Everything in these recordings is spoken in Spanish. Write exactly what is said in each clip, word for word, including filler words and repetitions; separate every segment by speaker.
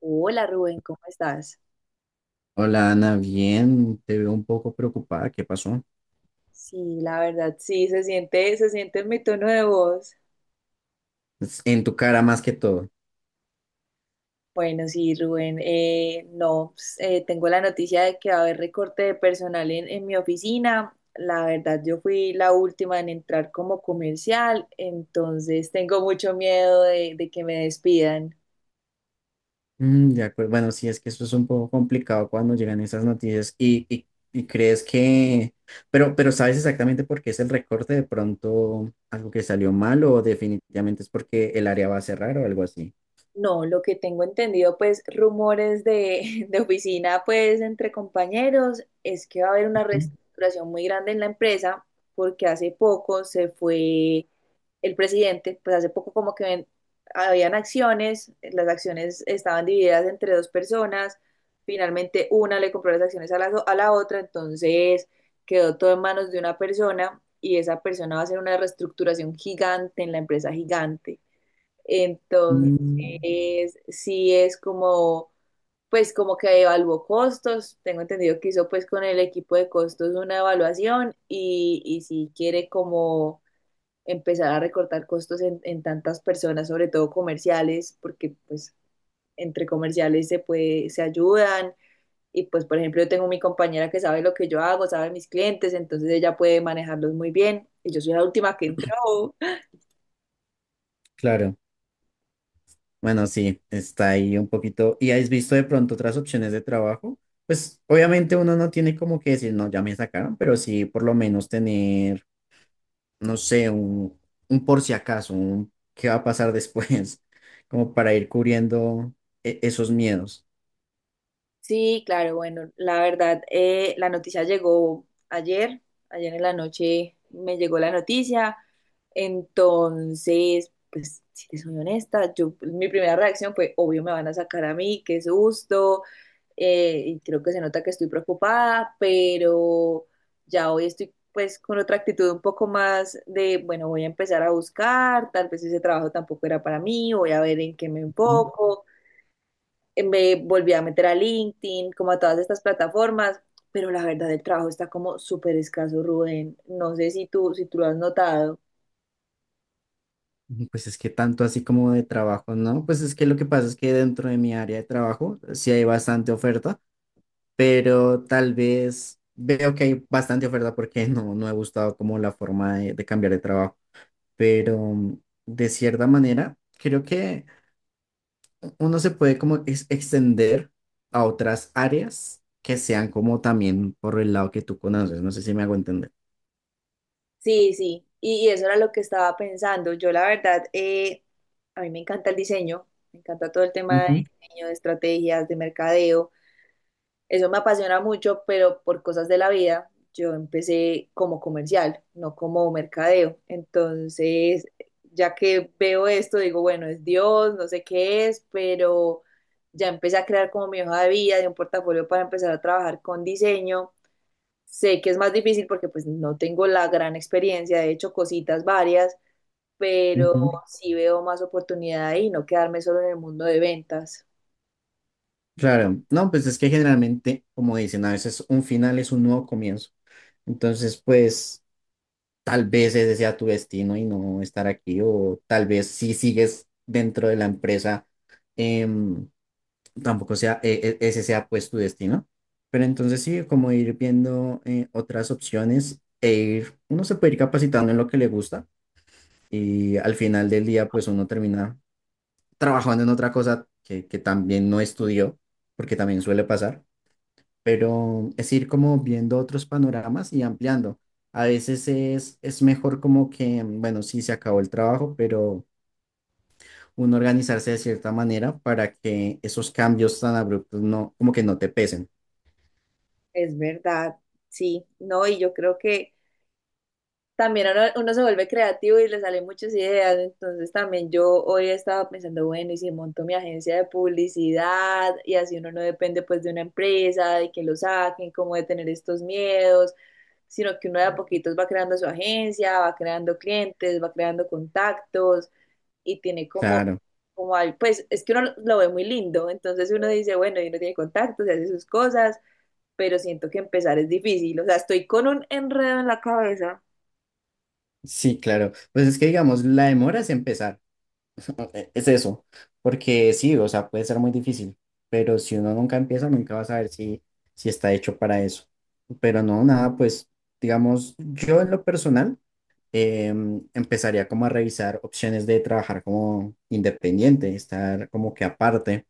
Speaker 1: Hola Rubén, ¿cómo estás?
Speaker 2: Hola Ana, bien, te veo un poco preocupada, ¿qué pasó?
Speaker 1: Sí, la verdad, sí, se siente, se siente en mi tono de voz.
Speaker 2: Es en tu cara más que todo.
Speaker 1: Bueno, sí, Rubén, eh, no, pues, eh, tengo la noticia de que va a haber recorte de personal en, en mi oficina. La verdad, yo fui la última en entrar como comercial, entonces tengo mucho miedo de, de que me despidan.
Speaker 2: Mm, de acuerdo, bueno, sí, es que eso es un poco complicado cuando llegan esas noticias y, y- y crees que, pero, pero ¿sabes exactamente por qué es el recorte? ¿De pronto algo que salió mal o definitivamente es porque el área va a cerrar o algo así?
Speaker 1: No, lo que tengo entendido, pues rumores de, de oficina, pues entre compañeros, es que va a haber una reestructuración muy grande en la empresa, porque hace poco se fue el presidente, pues hace poco como que ven- habían acciones, las acciones estaban divididas entre dos personas, finalmente una le compró las acciones a la, a la otra, entonces quedó todo en manos de una persona y esa persona va a hacer una reestructuración gigante en la empresa gigante. Entonces,
Speaker 2: Mm,
Speaker 1: sí es como, pues como que evaluó costos, tengo entendido que hizo pues con el equipo de costos una evaluación y, y sí quiere como empezar a recortar costos en, en tantas personas, sobre todo comerciales, porque pues entre comerciales se puede, se ayudan. Y pues, por ejemplo, yo tengo mi compañera que sabe lo que yo hago, sabe mis clientes, entonces ella puede manejarlos muy bien. Y yo soy la última que entró.
Speaker 2: claro, bueno, sí, está ahí un poquito. ¿Y has visto de pronto otras opciones de trabajo? Pues obviamente uno no tiene como que decir, no, ya me sacaron, pero sí por lo menos tener no sé, un, un por si acaso, un qué va a pasar después, como para ir cubriendo e- esos miedos.
Speaker 1: Sí, claro, bueno, la verdad, eh, la noticia llegó ayer, ayer en la noche me llegó la noticia, entonces, pues, si te soy honesta, yo, pues, mi primera reacción fue, obvio, me van a sacar a mí, qué susto, eh, y creo que se nota que estoy preocupada, pero ya hoy estoy, pues, con otra actitud un poco más de, bueno, voy a empezar a buscar, tal vez ese trabajo tampoco era para mí, voy a ver en qué me
Speaker 2: Mm,
Speaker 1: enfoco. Eh, me volví a meter a LinkedIn, como a todas estas plataformas, pero la verdad el trabajo está como súper escaso, Rubén. No sé si tú, si tú lo has notado.
Speaker 2: pues es que tanto así como de trabajo, ¿no? Pues es que lo que pasa es que dentro de mi área de trabajo sí hay bastante oferta, pero tal vez veo que hay bastante oferta porque no, no he gustado como la forma de, de cambiar de trabajo, pero mm, de cierta manera creo que uno se puede como ex- extender a otras áreas que sean como también por el lado que tú conoces. No sé si me hago entender.
Speaker 1: Sí, sí, y, y eso era lo que estaba pensando. Yo la verdad, eh, a mí me encanta el diseño, me encanta todo el tema de
Speaker 2: Ujú,
Speaker 1: diseño, de estrategias, de mercadeo. Eso me apasiona mucho, pero por cosas de la vida, yo empecé como comercial, no como mercadeo. Entonces, ya que veo esto, digo, bueno, es Dios, no sé qué es, pero ya empecé a crear como mi hoja de vida, de un portafolio para empezar a trabajar con diseño. Sé que es más difícil porque pues no tengo la gran experiencia, he hecho cositas varias, pero
Speaker 2: ujú.
Speaker 1: sí veo más oportunidad ahí, no quedarme solo en el mundo de ventas.
Speaker 2: Claro, no, pues es que generalmente, como dicen, a veces un final es un nuevo comienzo. Entonces, pues tal vez ese sea tu destino y no estar aquí, o tal vez si sigues dentro de la empresa. em, Tampoco sea e- e- ese sea pues tu destino. Pero entonces sí, como ir viendo eh, otras opciones e ir, uno se puede ir capacitando en lo que le gusta y al final del día pues uno termina trabajando en otra cosa que, que también no estudió, porque también suele pasar, pero es ir como viendo otros panoramas y ampliando. A veces es, es mejor como que, bueno, sí se acabó el trabajo, pero uno organizarse de cierta manera para que esos cambios tan abruptos no, como que no te pesen.
Speaker 1: Es verdad, sí, no, y yo creo que también uno, uno se vuelve creativo y le salen muchas ideas. Entonces también yo hoy estaba pensando, bueno, y si monto mi agencia de publicidad y así uno no depende pues de una empresa, de que lo saquen, como de tener estos miedos, sino que uno de a poquitos va creando su agencia, va creando clientes, va creando contactos y tiene como...
Speaker 2: Claro,
Speaker 1: Como al- pues es que uno lo lo ve muy lindo, entonces uno dice, bueno, y uno tiene contactos y hace sus cosas, pero siento que empezar es difícil, o sea, estoy con un enredo en la cabeza.
Speaker 2: sí, claro. Pues es que digamos, la demora es empezar, e- es eso, porque sí, o sea, puede ser muy difícil, pero si uno nunca empieza, nunca va a saber si, si está hecho para eso. Pero no, nada, pues digamos, yo en lo personal em, empezaría como a revisar opciones de trabajar como independiente, estar como que aparte.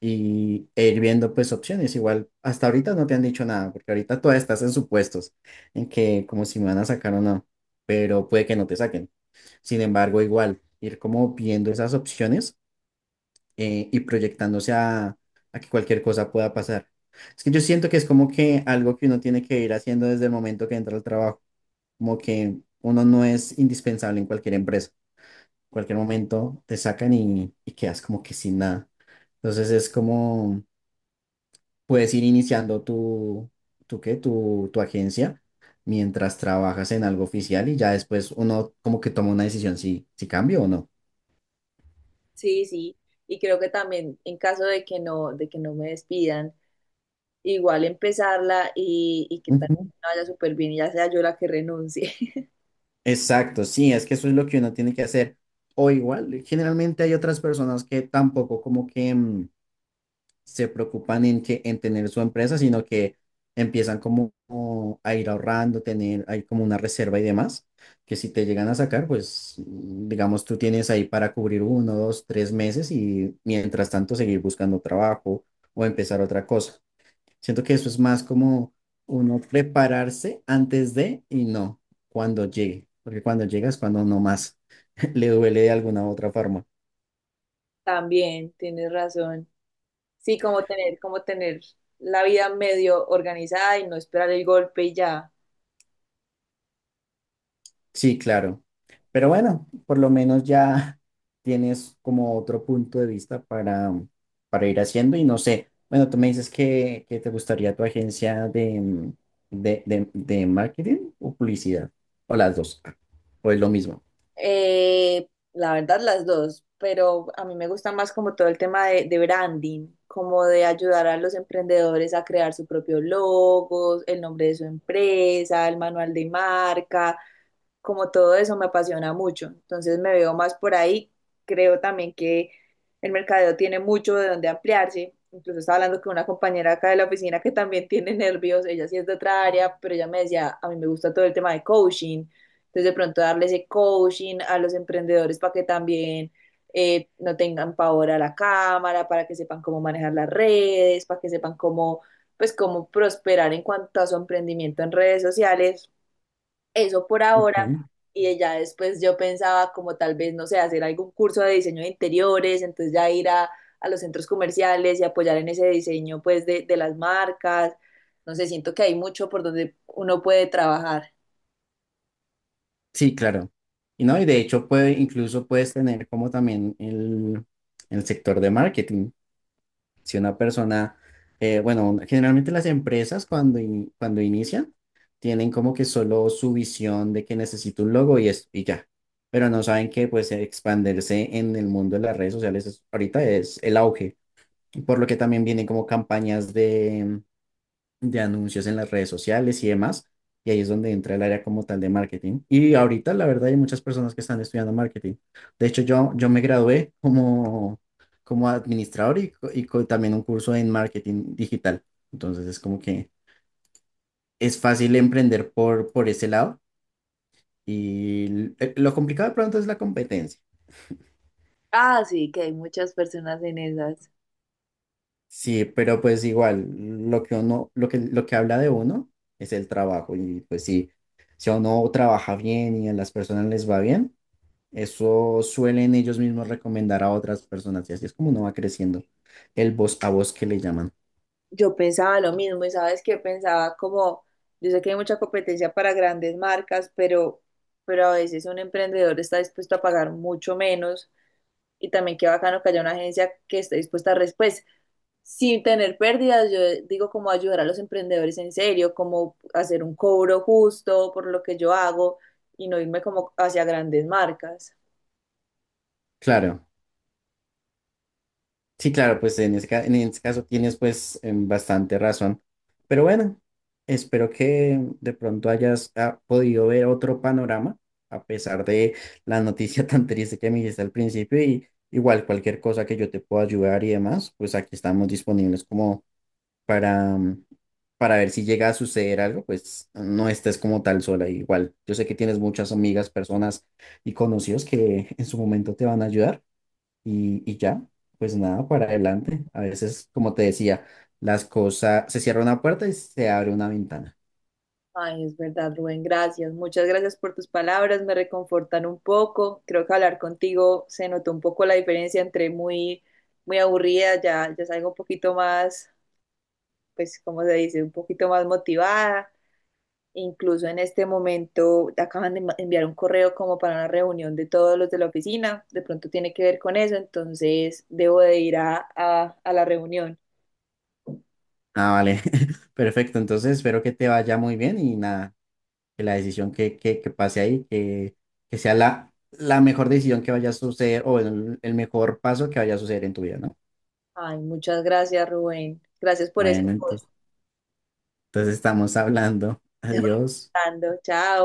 Speaker 2: Y, e ir viendo pues opciones. Igual hasta ahorita no te han dicho nada, porque ahorita todavía estás en supuestos, en que como si me van a sacar o no, pero puede que no te saquen. Sin embargo, igual ir como viendo esas opciones eh, y proyectándose a, a que cualquier cosa pueda pasar. Es que yo siento que es como que algo que uno tiene que ir haciendo desde el momento que entra al trabajo, como que uno no es indispensable en cualquier empresa. En cualquier momento te sacan y, y quedas como que sin nada. Entonces es como puedes ir iniciando tu, tu, ¿qué? Tu, tu agencia mientras trabajas en algo oficial y ya después uno como que toma una decisión si, si cambio o no.
Speaker 1: Sí, sí, y creo que también en caso de que no, de que no me despidan, igual empezarla y, y que tal
Speaker 2: Ujú.
Speaker 1: vez no vaya súper bien y ya sea yo la que renuncie.
Speaker 2: Exacto, sí, es que eso es lo que uno tiene que hacer. O igual, generalmente hay otras personas que tampoco como que mm, se preocupan en que en tener su empresa, sino que empiezan como, como a ir ahorrando, tener ahí como una reserva y demás, que si te llegan a sacar, pues digamos tú tienes ahí para cubrir uno, dos, tres meses y mientras tanto seguir buscando trabajo o empezar otra cosa. Siento que eso es más como uno prepararse antes de y no cuando llegue, porque cuando llegas cuando no más le duele de alguna u otra forma.
Speaker 1: También tienes razón. Sí, como tener, como tener la vida medio organizada y no esperar el golpe y ya.
Speaker 2: Sí, claro. Pero bueno, por lo menos ya tienes como otro punto de vista para, para ir haciendo y no sé, bueno, tú me dices que, que te gustaría tu agencia de, mm, de, de- de marketing o publicidad, o las dos, o es lo mismo.
Speaker 1: Eh, la verdad, las dos, pero a mí me gusta más como todo el tema de, de branding, como de ayudar a los emprendedores a crear su propio logo, el nombre de su empresa, el manual de marca, como todo eso me apasiona mucho. Entonces me veo más por ahí. Creo también que el mercadeo tiene mucho de donde ampliarse. Incluso estaba hablando con una compañera acá de la oficina que también tiene nervios, ella sí es de otra área, pero ella me decía, a mí me gusta todo el tema de coaching, entonces, de pronto darle ese coaching a los emprendedores para que también eh, no tengan pavor a la cámara, para que sepan cómo manejar las redes, para que sepan cómo, pues, cómo prosperar en cuanto a su emprendimiento en redes sociales. Eso por ahora.
Speaker 2: Ujú.
Speaker 1: Y ya después yo pensaba como tal vez, no sé, hacer algún curso de diseño de interiores, entonces ya ir a, a los centros comerciales y apoyar en ese diseño pues de, de las marcas. No sé, siento que hay mucho por donde uno puede trabajar.
Speaker 2: Sí, claro. Y no, y de hecho puede, incluso puedes tener como también el, el sector de marketing. Si una persona, eh, bueno, generalmente las empresas cuando, in- cuando inician tienen como que solo su visión de que necesito un logo y, es, y ya, pero no saben que pues expandirse en el mundo de las redes sociales es- ahorita es el auge, por lo que también vienen como campañas de de anuncios en las redes sociales y demás. Y ahí es donde entra el área como tal de marketing. Y ahorita, la verdad, hay muchas personas que están estudiando marketing. De hecho, yo, yo me gradué como, como administrador y, co- y co- también un curso en marketing digital. Entonces, es como que es fácil emprender por, por ese lado. Y l- eh, lo complicado de pronto es la competencia.
Speaker 1: Ah, sí, que hay muchas personas en esas.
Speaker 2: Sí, pero pues igual, lo que uno, lo que, lo que habla de uno es el trabajo. Y pues sí, si uno trabaja bien y a las personas les va bien, eso suelen ellos mismos recomendar a otras personas y así es como uno va creciendo el voz a voz que le llaman.
Speaker 1: Yo pensaba lo mismo y sabes que pensaba como, yo sé que hay mucha competencia para grandes marcas, pero, pero a veces un emprendedor está dispuesto a pagar mucho menos y también qué bacano que haya una agencia que esté dispuesta a después, sin tener pérdidas, yo digo como ayudar a los emprendedores en serio, como hacer un cobro justo por lo que yo hago y no irme como hacia grandes marcas.
Speaker 2: Claro, sí, claro, pues en ese, ca- en ese caso tienes pues em, bastante razón. Pero bueno, espero que de pronto hayas ah, podido ver otro panorama a pesar de la noticia tan triste que me dijiste al principio y igual cualquier cosa que yo te pueda ayudar y demás, pues aquí estamos disponibles como para, para ver si llega a suceder algo, pues no estés como tal sola. Igual, yo sé que tienes muchas amigas, personas y conocidos que en su momento te van a ayudar y, y ya, pues nada, para adelante. A veces, como te decía, las cosas, se cierra una puerta y se abre una ventana.
Speaker 1: Ay, es verdad, Rubén, gracias. Muchas gracias por tus palabras, me reconfortan un poco. Creo que hablar contigo se notó un poco la diferencia entre muy, muy aburrida, ya, ya salgo un poquito más, pues, ¿cómo se dice? Un poquito más motivada. Incluso en este momento acaban de ma- enviar un correo como para una reunión de todos los de la oficina. De pronto tiene que ver con eso, entonces debo de ir a, a, a la reunión.
Speaker 2: Ah, vale, perfecto. Entonces espero que te vaya muy bien y nada, que la decisión que, que, que pase ahí, que, que sea la, la mejor decisión que vaya a suceder o el el mejor paso que vaya a suceder en tu vida, ¿no?
Speaker 1: Ay, muchas gracias, Rubén. Gracias por ese...
Speaker 2: Bueno, entonces. Entonces estamos hablando. Adiós.
Speaker 1: Chao.